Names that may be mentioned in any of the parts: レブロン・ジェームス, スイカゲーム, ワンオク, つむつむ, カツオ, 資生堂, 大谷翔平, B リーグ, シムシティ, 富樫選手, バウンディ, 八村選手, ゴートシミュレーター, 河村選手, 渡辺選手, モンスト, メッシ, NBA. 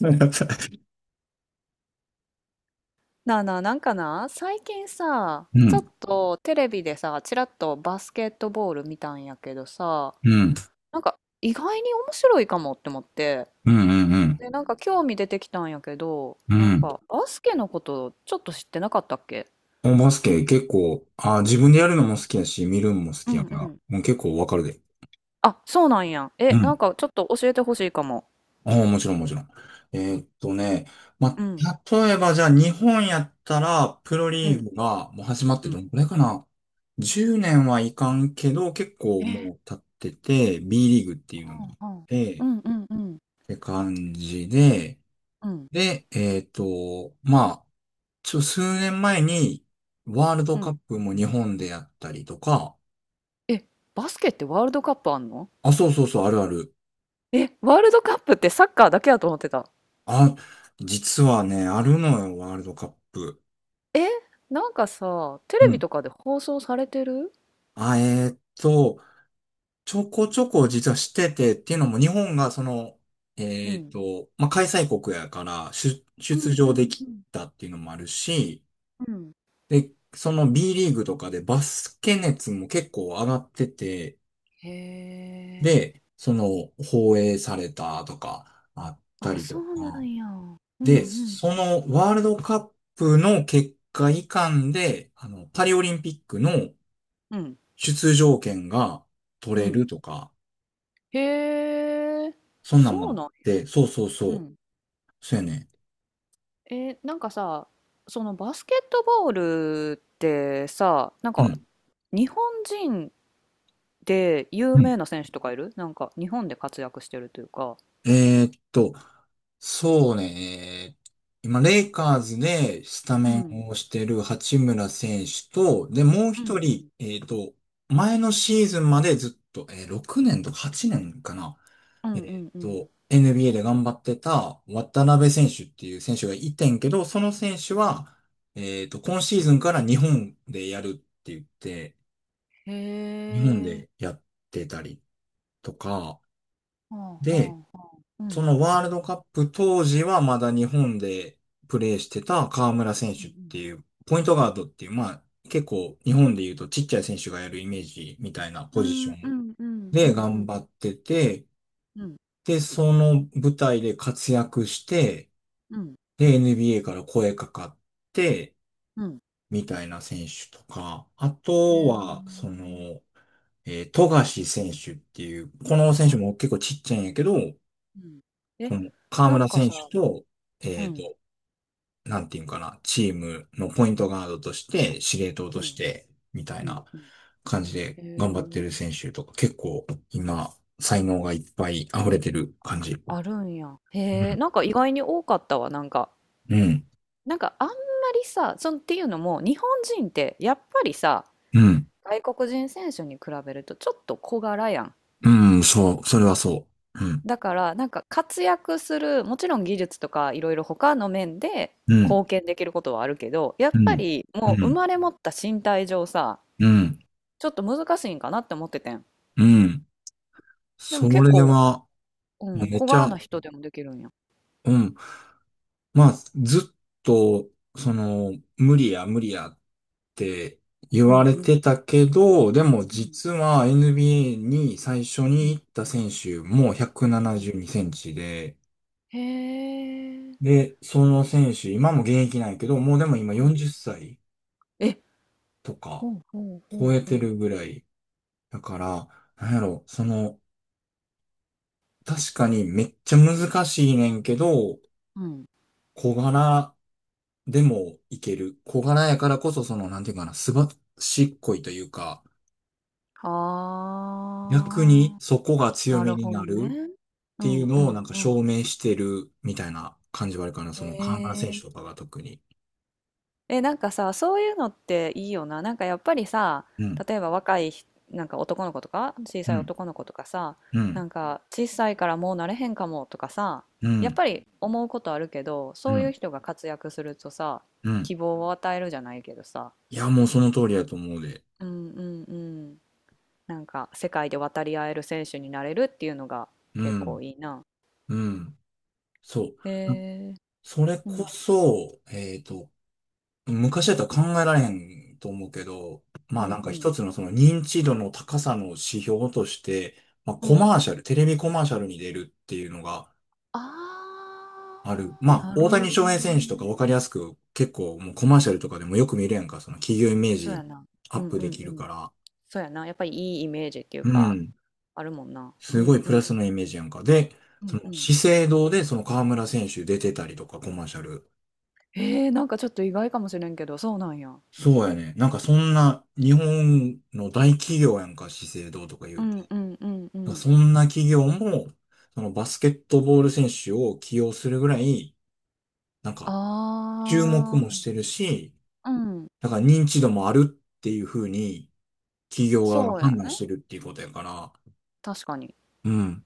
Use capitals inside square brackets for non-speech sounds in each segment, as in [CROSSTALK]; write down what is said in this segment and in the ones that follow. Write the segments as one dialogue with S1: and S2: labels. S1: うん、
S2: なあなあ、なんかな、最近さ、
S1: う
S2: ち
S1: ん、
S2: ょっとテレビでさ、ちらっとバスケットボール見たんやけどさ、
S1: うん、
S2: なんか意外に面白いかもって思って、
S1: うん、うん。
S2: で、なんか興味出てきたんやけど、
S1: う
S2: なん
S1: ん、
S2: かバスケのことちょっと知ってなかったっけ。
S1: バスケ結構、あ、自分でやるのも好きやし、見るのも好
S2: う
S1: きや
S2: ん
S1: から、
S2: うん。
S1: もう結構わかるで。
S2: あ、そうなんや。
S1: う
S2: え、なん
S1: ん。
S2: かちょっと教えてほしいかも。
S1: ああもちろんもちろん。えーっとね、ま
S2: うん、
S1: あ、例えばじゃあ日本やったら、プロ
S2: う
S1: リー
S2: ん、
S1: グがもう始まって
S2: う
S1: ど
S2: ん。
S1: んくらいかな？ 10 年はいかんけど、結構
S2: え、
S1: もう経ってて、B リーグっていうのがあっ
S2: うん
S1: て、
S2: う
S1: っ
S2: んうんうん
S1: て感じで。
S2: うんうん。
S1: で、まあ、数年前に、ワールドカップも日本でやったりとか。
S2: え、バスケってワールドカップあんの。
S1: あ、そうそうそう、あるある。
S2: え、ワールドカップってサッカーだけやと思ってた。
S1: あ、実はね、あるのよ、ワールドカップ。
S2: え、なんかさ、テ
S1: う
S2: レビ
S1: ん。
S2: とかで放送されてる。
S1: あ、ちょこちょこ実はしてて、っていうのも日本がその、
S2: うん。
S1: まあ、開催国やから、出
S2: う
S1: 出
S2: んう
S1: 場で
S2: んう
S1: き
S2: ん。
S1: たっていうのもあるし、
S2: うん。
S1: で、その B リーグとかでバスケ熱も結構上がってて、
S2: へえ。
S1: で、その、放映されたとか、あった
S2: あ、
S1: りと
S2: そうな
S1: か。
S2: んや。うんう
S1: で、
S2: ん。
S1: そのワールドカップの結果以下で、あの、パリオリンピックの
S2: うん。
S1: 出場権が取
S2: う
S1: れ
S2: ん。
S1: るとか、
S2: へえ。
S1: そんなん
S2: そ
S1: もあ
S2: う
S1: っ
S2: なんや。
S1: て、そうそう
S2: う
S1: そう。
S2: ん。
S1: そうやね。
S2: え、なんかさ、そのバスケットボールってさ、なん
S1: う
S2: か
S1: ん。
S2: 日本人で有
S1: うん、
S2: 名な選手とかいるなんか日本で活躍してるというか。
S1: えーっと、そうね、今、レイカーズでスタ
S2: う
S1: メ
S2: ん。
S1: ンをしてる八村選手と、で、もう
S2: うんう
S1: 一人、
S2: ん。
S1: 前のシーズンまでずっと、6年とか8年かな、
S2: うんうんうん。
S1: NBA で頑張ってた渡辺選手っていう選手がいてんけど、その選手
S2: うん、
S1: は、今シーズンから日本でやるって言って、
S2: へ
S1: 日本
S2: え。
S1: でやってたりとか。
S2: はあは
S1: で
S2: あはあ。う
S1: そ
S2: ん。
S1: のワールドカップ当時はまだ日本でプレーしてた河村選
S2: う
S1: 手っ
S2: ん
S1: ていう、ポイントガードっていう、まあ結構日本で言うとちっちゃい選手がやるイメージみたいな
S2: う
S1: ポジシ
S2: ん。
S1: ョ
S2: うん、う
S1: ン
S2: んうんう
S1: で
S2: んう
S1: 頑
S2: ん。
S1: 張ってて、
S2: うん、
S1: で、その舞台で活躍して、
S2: うん、
S1: で、NBA から声かかって、
S2: うん。
S1: みたいな選手とか、あ
S2: へ
S1: と
S2: え。
S1: は、その、富樫選手っていう、この
S2: は
S1: 選手
S2: あ。
S1: も結構ちっちゃいんやけど、
S2: うん。
S1: こ
S2: え、
S1: の河
S2: なん
S1: 村
S2: か
S1: 選手
S2: さ。
S1: と、
S2: う
S1: えっ
S2: ん、
S1: と、なんていうんかな、チームのポイントガードとして、司令塔
S2: う
S1: とし
S2: ん、
S1: て、みたい
S2: うん、
S1: な
S2: うん。
S1: 感じで
S2: へ
S1: 頑張ってる選
S2: え、
S1: 手とか、結構今、才能がいっぱい溢れてる感じ。
S2: あるんや。へ
S1: う
S2: え、
S1: ん。
S2: なんか意外に多かったわ、なんか。
S1: うん。
S2: なんかあんまりさ、そんっていうのも、日本人ってやっぱりさ、
S1: うん。
S2: 外国人選手に比べるとちょっと小柄やん。
S1: うん。そう。それはそう。うん。
S2: だからなんか活躍するもちろん技術とかいろいろ他の面で
S1: うん。
S2: 貢献できることはあるけどやっ
S1: う
S2: ぱ
S1: ん。
S2: り
S1: う
S2: もう生
S1: ん。
S2: まれ持った身体上さ
S1: うん。
S2: ちょっと難しいんかなって思っててん。
S1: うん。
S2: で
S1: そ
S2: も結
S1: れ
S2: 構、
S1: は、
S2: う
S1: もう
S2: ん、
S1: めっ
S2: 小
S1: ち
S2: 柄
S1: ゃ、
S2: な人でもできるんや。
S1: うん。まあ、ずっと、その、無理や無理やって言
S2: う
S1: わ
S2: ん
S1: れ
S2: うん
S1: てたけど、でも
S2: うん
S1: 実は NBA に最初
S2: う
S1: に行
S2: ん
S1: った選手も172
S2: うん、
S1: センチで、
S2: へえ、
S1: で、その選手、今も現役なんやけど、もうでも今
S2: うん、
S1: 40歳
S2: え、
S1: とか
S2: ほうほうほ
S1: 超
S2: う
S1: えて
S2: ほう、
S1: るぐらい。だから、なんやろ、その、確かにめっちゃ難しいねんけど、
S2: うんうん、
S1: 小柄でもいける。小柄やからこそ、その、なんていうかな、すばしっこいというか、逆に
S2: はあ、
S1: そこが強
S2: な
S1: み
S2: る
S1: に
S2: ほ
S1: な
S2: ど
S1: る
S2: ね、
S1: っ
S2: う
S1: てい
S2: ん
S1: う
S2: う
S1: のをな
S2: ん
S1: んか
S2: うん、
S1: 証明してるみたいな感じはあるかな。
S2: へ
S1: その河村選手と
S2: え。
S1: かが特に。
S2: え、なんかさ、そういうのっていいよな。なんかやっぱりさ、
S1: うん、
S2: 例えば若いひ、なんか男の子とか、小
S1: う
S2: さい
S1: ん、
S2: 男の子とかさ、
S1: う
S2: な
S1: ん、
S2: んか小さいからもうなれへんかもとかさ、
S1: う
S2: やっ
S1: ん、
S2: ぱり思うことあるけど、
S1: う
S2: そういう
S1: ん、
S2: 人が活躍するとさ、
S1: うん。
S2: 希望を与えるじゃないけどさ。
S1: いや、もうその通りだと思うで。
S2: うんうんうん。なんか世界で渡り合える選手になれるっていうのが
S1: う
S2: 結構
S1: ん、
S2: いいな。
S1: うん。そう。
S2: へ
S1: あ、
S2: え、
S1: それ
S2: う
S1: こ
S2: ん、
S1: そ、昔だったら考えられんと思うけど、ま
S2: う
S1: あな
S2: ん
S1: ん
S2: う
S1: か
S2: ん、
S1: 一つのその認知度の高さの指標として、まあ
S2: う
S1: コ
S2: ん。
S1: マーシャル、テレビコマーシャルに出るっていうのが、
S2: あ
S1: ある。ま
S2: ー、
S1: あ、
S2: な
S1: 大
S2: る
S1: 谷
S2: ほ
S1: 翔平
S2: ど
S1: 選手とかわかり
S2: ね。
S1: やすく、結構もうコマーシャルとかでもよく見るやんか、その企業イメー
S2: そうや
S1: ジ
S2: な。
S1: ア
S2: う
S1: ッ
S2: ん
S1: プ
S2: う
S1: で
S2: ん
S1: き
S2: う
S1: る
S2: ん。
S1: から。
S2: そうやな。やっぱりいいイメージっていう
S1: う
S2: か、
S1: ん。
S2: あるもんな。う
S1: すご
S2: ん
S1: い
S2: う
S1: プラ
S2: ん。
S1: スのイメージやんか。で、
S2: う
S1: そ
S2: んう
S1: の
S2: ん。
S1: 資生堂でその河村選手出てたりとかコマーシャル。
S2: なんかちょっと意外かもしれんけど、そうなんや。
S1: そうやね。なんかそんな日本の大企業やんか、資生堂とか言
S2: う
S1: うと。
S2: んうんうんう
S1: なんか
S2: ん。
S1: そんな企業も、そのバスケットボール選手を起用するぐらい、なんか注目
S2: あ
S1: もしてるし、
S2: あ、うん。
S1: だから認知度もあるっていう風に、企業側が
S2: そうや
S1: 判断し
S2: ね。
S1: てるっていうことやから、
S2: 確かに。
S1: うん、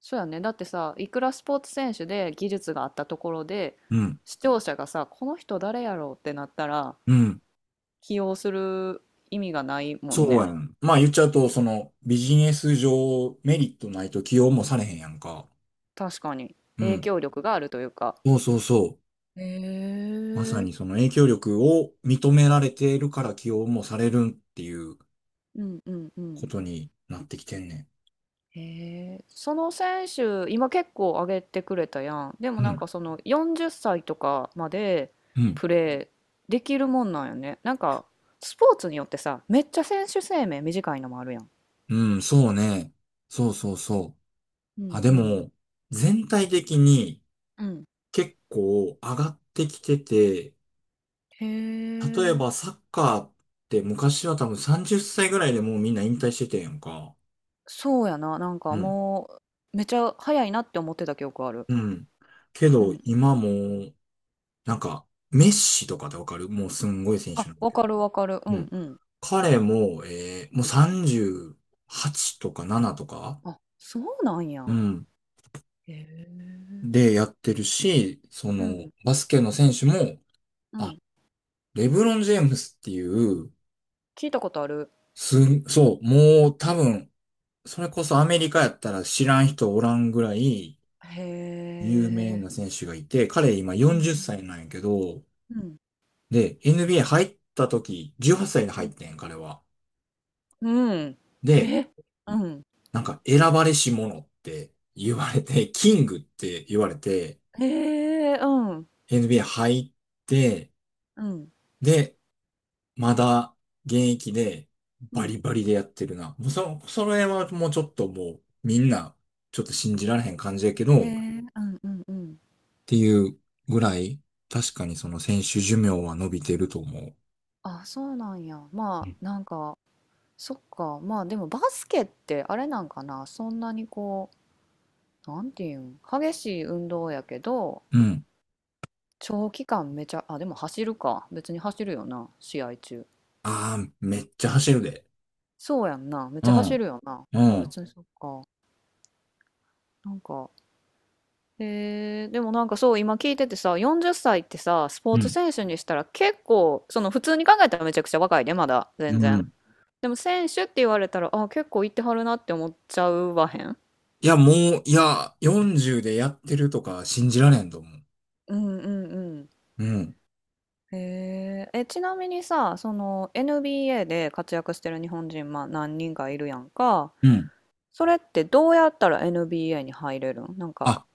S2: そうやね。だってさ、いくらスポーツ選手で技術があったところで、
S1: うん、
S2: 視聴者がさ、この人誰やろうってなったら、
S1: うん。
S2: 起用する意味がないもん
S1: そう
S2: ね。
S1: やん。まあ言っちゃう
S2: う
S1: と、
S2: ん、
S1: そのビジネス上メリットないと起用もされへんやんか。
S2: 確かに。
S1: う
S2: 影
S1: ん。
S2: 響力があるというか。
S1: そうそうそう。
S2: へ
S1: まさ
S2: え、
S1: にその影響力を認められているから起用もされるっていう
S2: うんうんう
S1: こ
S2: ん。
S1: とになってきてんね
S2: へえ、その選手、今結構上げてくれたやん。でも
S1: ん。う
S2: なん
S1: ん、
S2: かその40歳とかまで
S1: うん、
S2: プレーできるもんなんよね。なんかスポーツによってさ、めっちゃ選手生命短いのもあるやん。
S1: うん、そうね。そうそうそう。
S2: う
S1: あ、
S2: ん
S1: で
S2: うん
S1: も、全体的に
S2: うん。
S1: 結構上がってきてて、
S2: へ
S1: 例え
S2: え、
S1: ばサッカーって昔は多分30歳ぐらいでもうみんな引退しててんやんか。
S2: そうやな。なんか
S1: うん。
S2: もうめちゃ早いなって思ってた記憶ある。
S1: うん。け
S2: う
S1: ど
S2: ん。
S1: 今も、なんか、メッシとかってわかるもうすんごい選手
S2: あ、
S1: なんだ
S2: わ
S1: けど。
S2: かるわかる。う
S1: う
S2: ん
S1: ん。
S2: うん。
S1: 彼も、もう38とか7とか、
S2: あ、そうなん
S1: う
S2: や。
S1: ん。
S2: へえ。
S1: でやってるし、そ
S2: う
S1: の、
S2: ん
S1: バスケの選手も、
S2: う
S1: あ、
S2: ん。
S1: レブロン・ジェームスっていう、
S2: 聞いたことある。
S1: そう、もう多分、それこそアメリカやったら知らん人おらんぐらい、
S2: へ
S1: 有名
S2: え。
S1: な選手がいて、彼今
S2: う
S1: 40
S2: ん
S1: 歳なんやけど、
S2: うん。
S1: で、NBA 入った時、18歳で
S2: う
S1: 入っ
S2: ん。
S1: てん、彼は。
S2: うん。うん。
S1: で、
S2: え、うん。
S1: なんか選ばれし者って言われて、キングって言われて、
S2: へえ、うん。
S1: NBA 入って、
S2: うん。
S1: で、まだ現役で
S2: う
S1: バ
S2: ん。
S1: リバリでやってるな。もうそれはもうちょっともうみんなちょっと信じられへん感じやけど、っ
S2: へえ、うんうんうん。
S1: ていうぐらい、確かにその選手寿命は伸びてると思う。
S2: あ、そうなんや。まあ、なんか、そっか。まあ、でもバスケってあれなんかな。そんなにこう、なんていうん、激しい運動やけど、
S1: うん。
S2: 長期間めちゃ、あ、でも走るか。別に走るよな、試合中。
S1: ああ、めっちゃ走るで。
S2: そうやんな。めっち
S1: う
S2: ゃ走
S1: ん、
S2: るよな。
S1: う
S2: まあ
S1: ん、
S2: 別にそっか。なんか、でもなんかそう今聞いててさ40歳っさいってさスポ
S1: う
S2: ーツ
S1: ん。
S2: 選手にしたら結構その普通に考えたらめちゃくちゃ若いでまだ
S1: う
S2: 全然
S1: ん、
S2: でも選手って言われたらあ結構行ってはるなって思っちゃうわへん。
S1: いや、もう、いや、40でやってるとか信じられんと思う。
S2: うんうんうん。
S1: うん。
S2: へえ、えちなみにさその NBA で活躍してる日本人まあ何人かいるやんか、
S1: うん。
S2: それってどうやったら NBA に入れるんなんか。
S1: あ、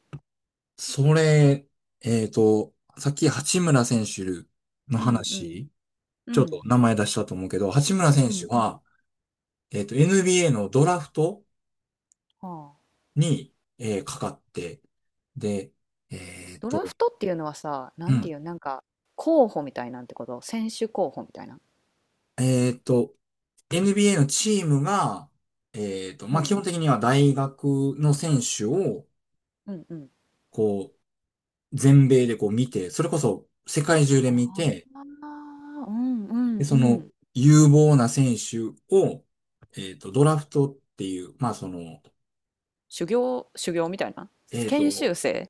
S1: それ、さっき八村選手の
S2: うんうん
S1: 話、
S2: う
S1: ちょっと
S2: ん
S1: 名前出したと思うけど、八村
S2: う
S1: 選手
S2: んうん、
S1: は、NBA のドラフト
S2: は。
S1: に、かかって、で、えっ
S2: ドラ
S1: と、
S2: フトっていうのはさ、な
S1: う
S2: んて
S1: ん。
S2: いう、なんか、候補みたいなんてこと選手候補みたいな。
S1: えっと、NBA のチームが、
S2: う
S1: まあ、
S2: ん。
S1: 基本的には大学の選手を、
S2: うんうん。
S1: こう、全米でこう見て、それこそ世界中で
S2: あ
S1: 見て、
S2: あ、うんうん
S1: で、
S2: う
S1: その
S2: ん。
S1: 有望な選手を、ドラフトっていう、まあ、その、
S2: 修行、修行みたいな。
S1: えっ
S2: 研修
S1: と、
S2: 生。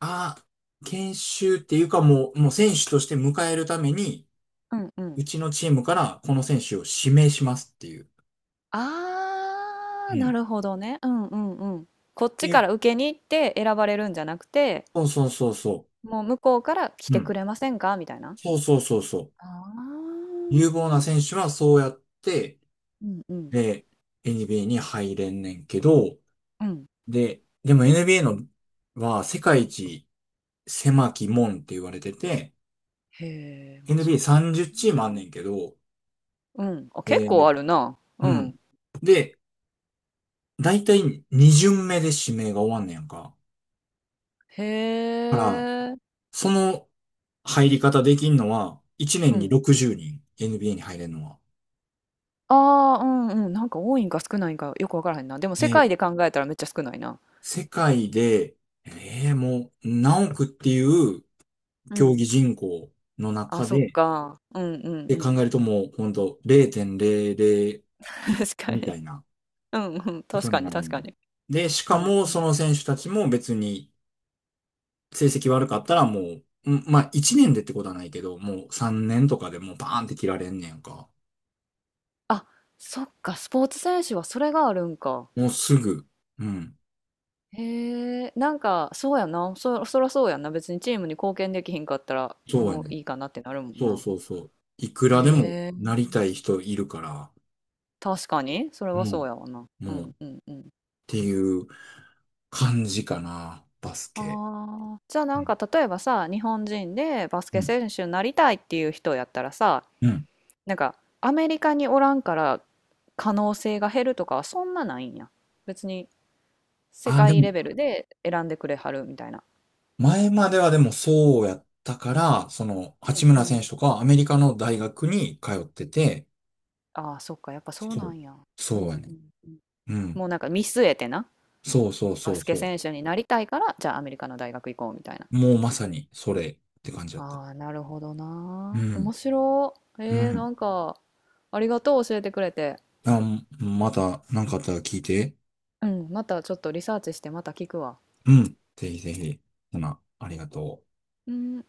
S1: あ、研修っていうかもう、もう選手として迎えるために、
S2: うんう
S1: う
S2: ん。
S1: ちのチームからこの選手を指名しますっていう。
S2: あ
S1: う
S2: あ、な
S1: ん。
S2: るほどね。うんうんうん。こっちか
S1: え、
S2: ら受けに行って選ばれるんじゃなくて、
S1: そうそうそうそ
S2: もう向こうから来
S1: う。う
S2: てく
S1: ん。
S2: れませんかみたいな。
S1: そうそうそうそう。
S2: ああ、
S1: 有望な選手はそうやって、
S2: うんうん
S1: で、NBA に入れんねんけど、
S2: うん。
S1: で、でも NBA のは世界一狭き門って言われてて、
S2: へえ、まあそうやな。
S1: NBA30 チームあんねんけど、
S2: うん。あ、
S1: え
S2: 結構
S1: ー
S2: あるな。う
S1: うん。
S2: ん。
S1: で、だいたい2巡目で指名が終わんねやんか。
S2: へ
S1: だから、
S2: え。
S1: その入り方できんのは、1
S2: う
S1: 年に
S2: ん。
S1: 60人、NBA に入れるのは。
S2: ああ、うんうん。なんか多いんか少ないんかよくわからへんな。でも
S1: え
S2: 世界で
S1: ー
S2: 考えたらめっちゃ少ないな。
S1: 世界で、もう何億っていう
S2: う
S1: 競技
S2: ん。
S1: 人口の
S2: あ、
S1: 中
S2: そっ
S1: で、
S2: か。うんうん
S1: で
S2: う
S1: 考
S2: ん。
S1: えるともう本当0.00
S2: [LAUGHS] 確
S1: み
S2: か
S1: たい
S2: に。
S1: な
S2: うんうん。
S1: こ
S2: 確
S1: と
S2: か
S1: にな
S2: に
S1: る。
S2: 確かに。
S1: で、し
S2: う
S1: か
S2: ん
S1: も
S2: うん。
S1: その選手たちも別に成績悪かったらもう、うん、まあ1年でってことはないけど、もう3年とかでもうバーンって切られんねんか。
S2: あ、そっか。スポーツ選手はそれがあるんか。
S1: もうすぐ。うん。
S2: へえ。なんか、そうやな。そらそうやんな。別にチームに貢献できひんかったら、
S1: そうや
S2: もう
S1: ね。
S2: いいかなってなるもん
S1: そう
S2: な。
S1: そうそう。いくらでも
S2: へえ。
S1: なりたい人いるから、
S2: 確かに。それ
S1: う
S2: はそう
S1: ん、
S2: やわな。う
S1: もう
S2: ん
S1: っ
S2: うんうん。
S1: ていう感じかな、バスケ。
S2: ああ、じゃあ
S1: う
S2: なん
S1: ん。
S2: か例えばさ、日本人でバス
S1: う
S2: ケ
S1: ん。
S2: 選手になりたいっていう人やったらさ、
S1: うん、
S2: なんかアメリカにおらんから可能性が減るとかはそんなないんや。別に世
S1: ああ、で
S2: 界
S1: も、
S2: レベルで選んでくれはるみたいな。
S1: 前まではでもそうやったから、その、
S2: う
S1: 八
S2: んう
S1: 村選
S2: ん。
S1: 手とかアメリカの大学に通ってて、
S2: ああ、そっか、やっぱそう
S1: そ
S2: な
S1: う、
S2: んや。う
S1: そうや
S2: んう
S1: ね。
S2: んうん。
S1: うん。
S2: もうなんか見据えてな、
S1: そうそう
S2: バ
S1: そう
S2: スケ
S1: そ
S2: 選手になりたいから、じゃあアメリカの大学行こうみたいな。
S1: う。もうまさにそれって感じだった。
S2: ああ、なるほど
S1: う
S2: な。面
S1: ん。
S2: 白い。
S1: うん。
S2: なんか、ありがとう、教えてくれて。
S1: あ、また何かあったら聞いて。
S2: うん、またちょっとリサーチしてまた聞くわ。
S1: うん。ぜひぜひ。ほな、ありがとう。
S2: うん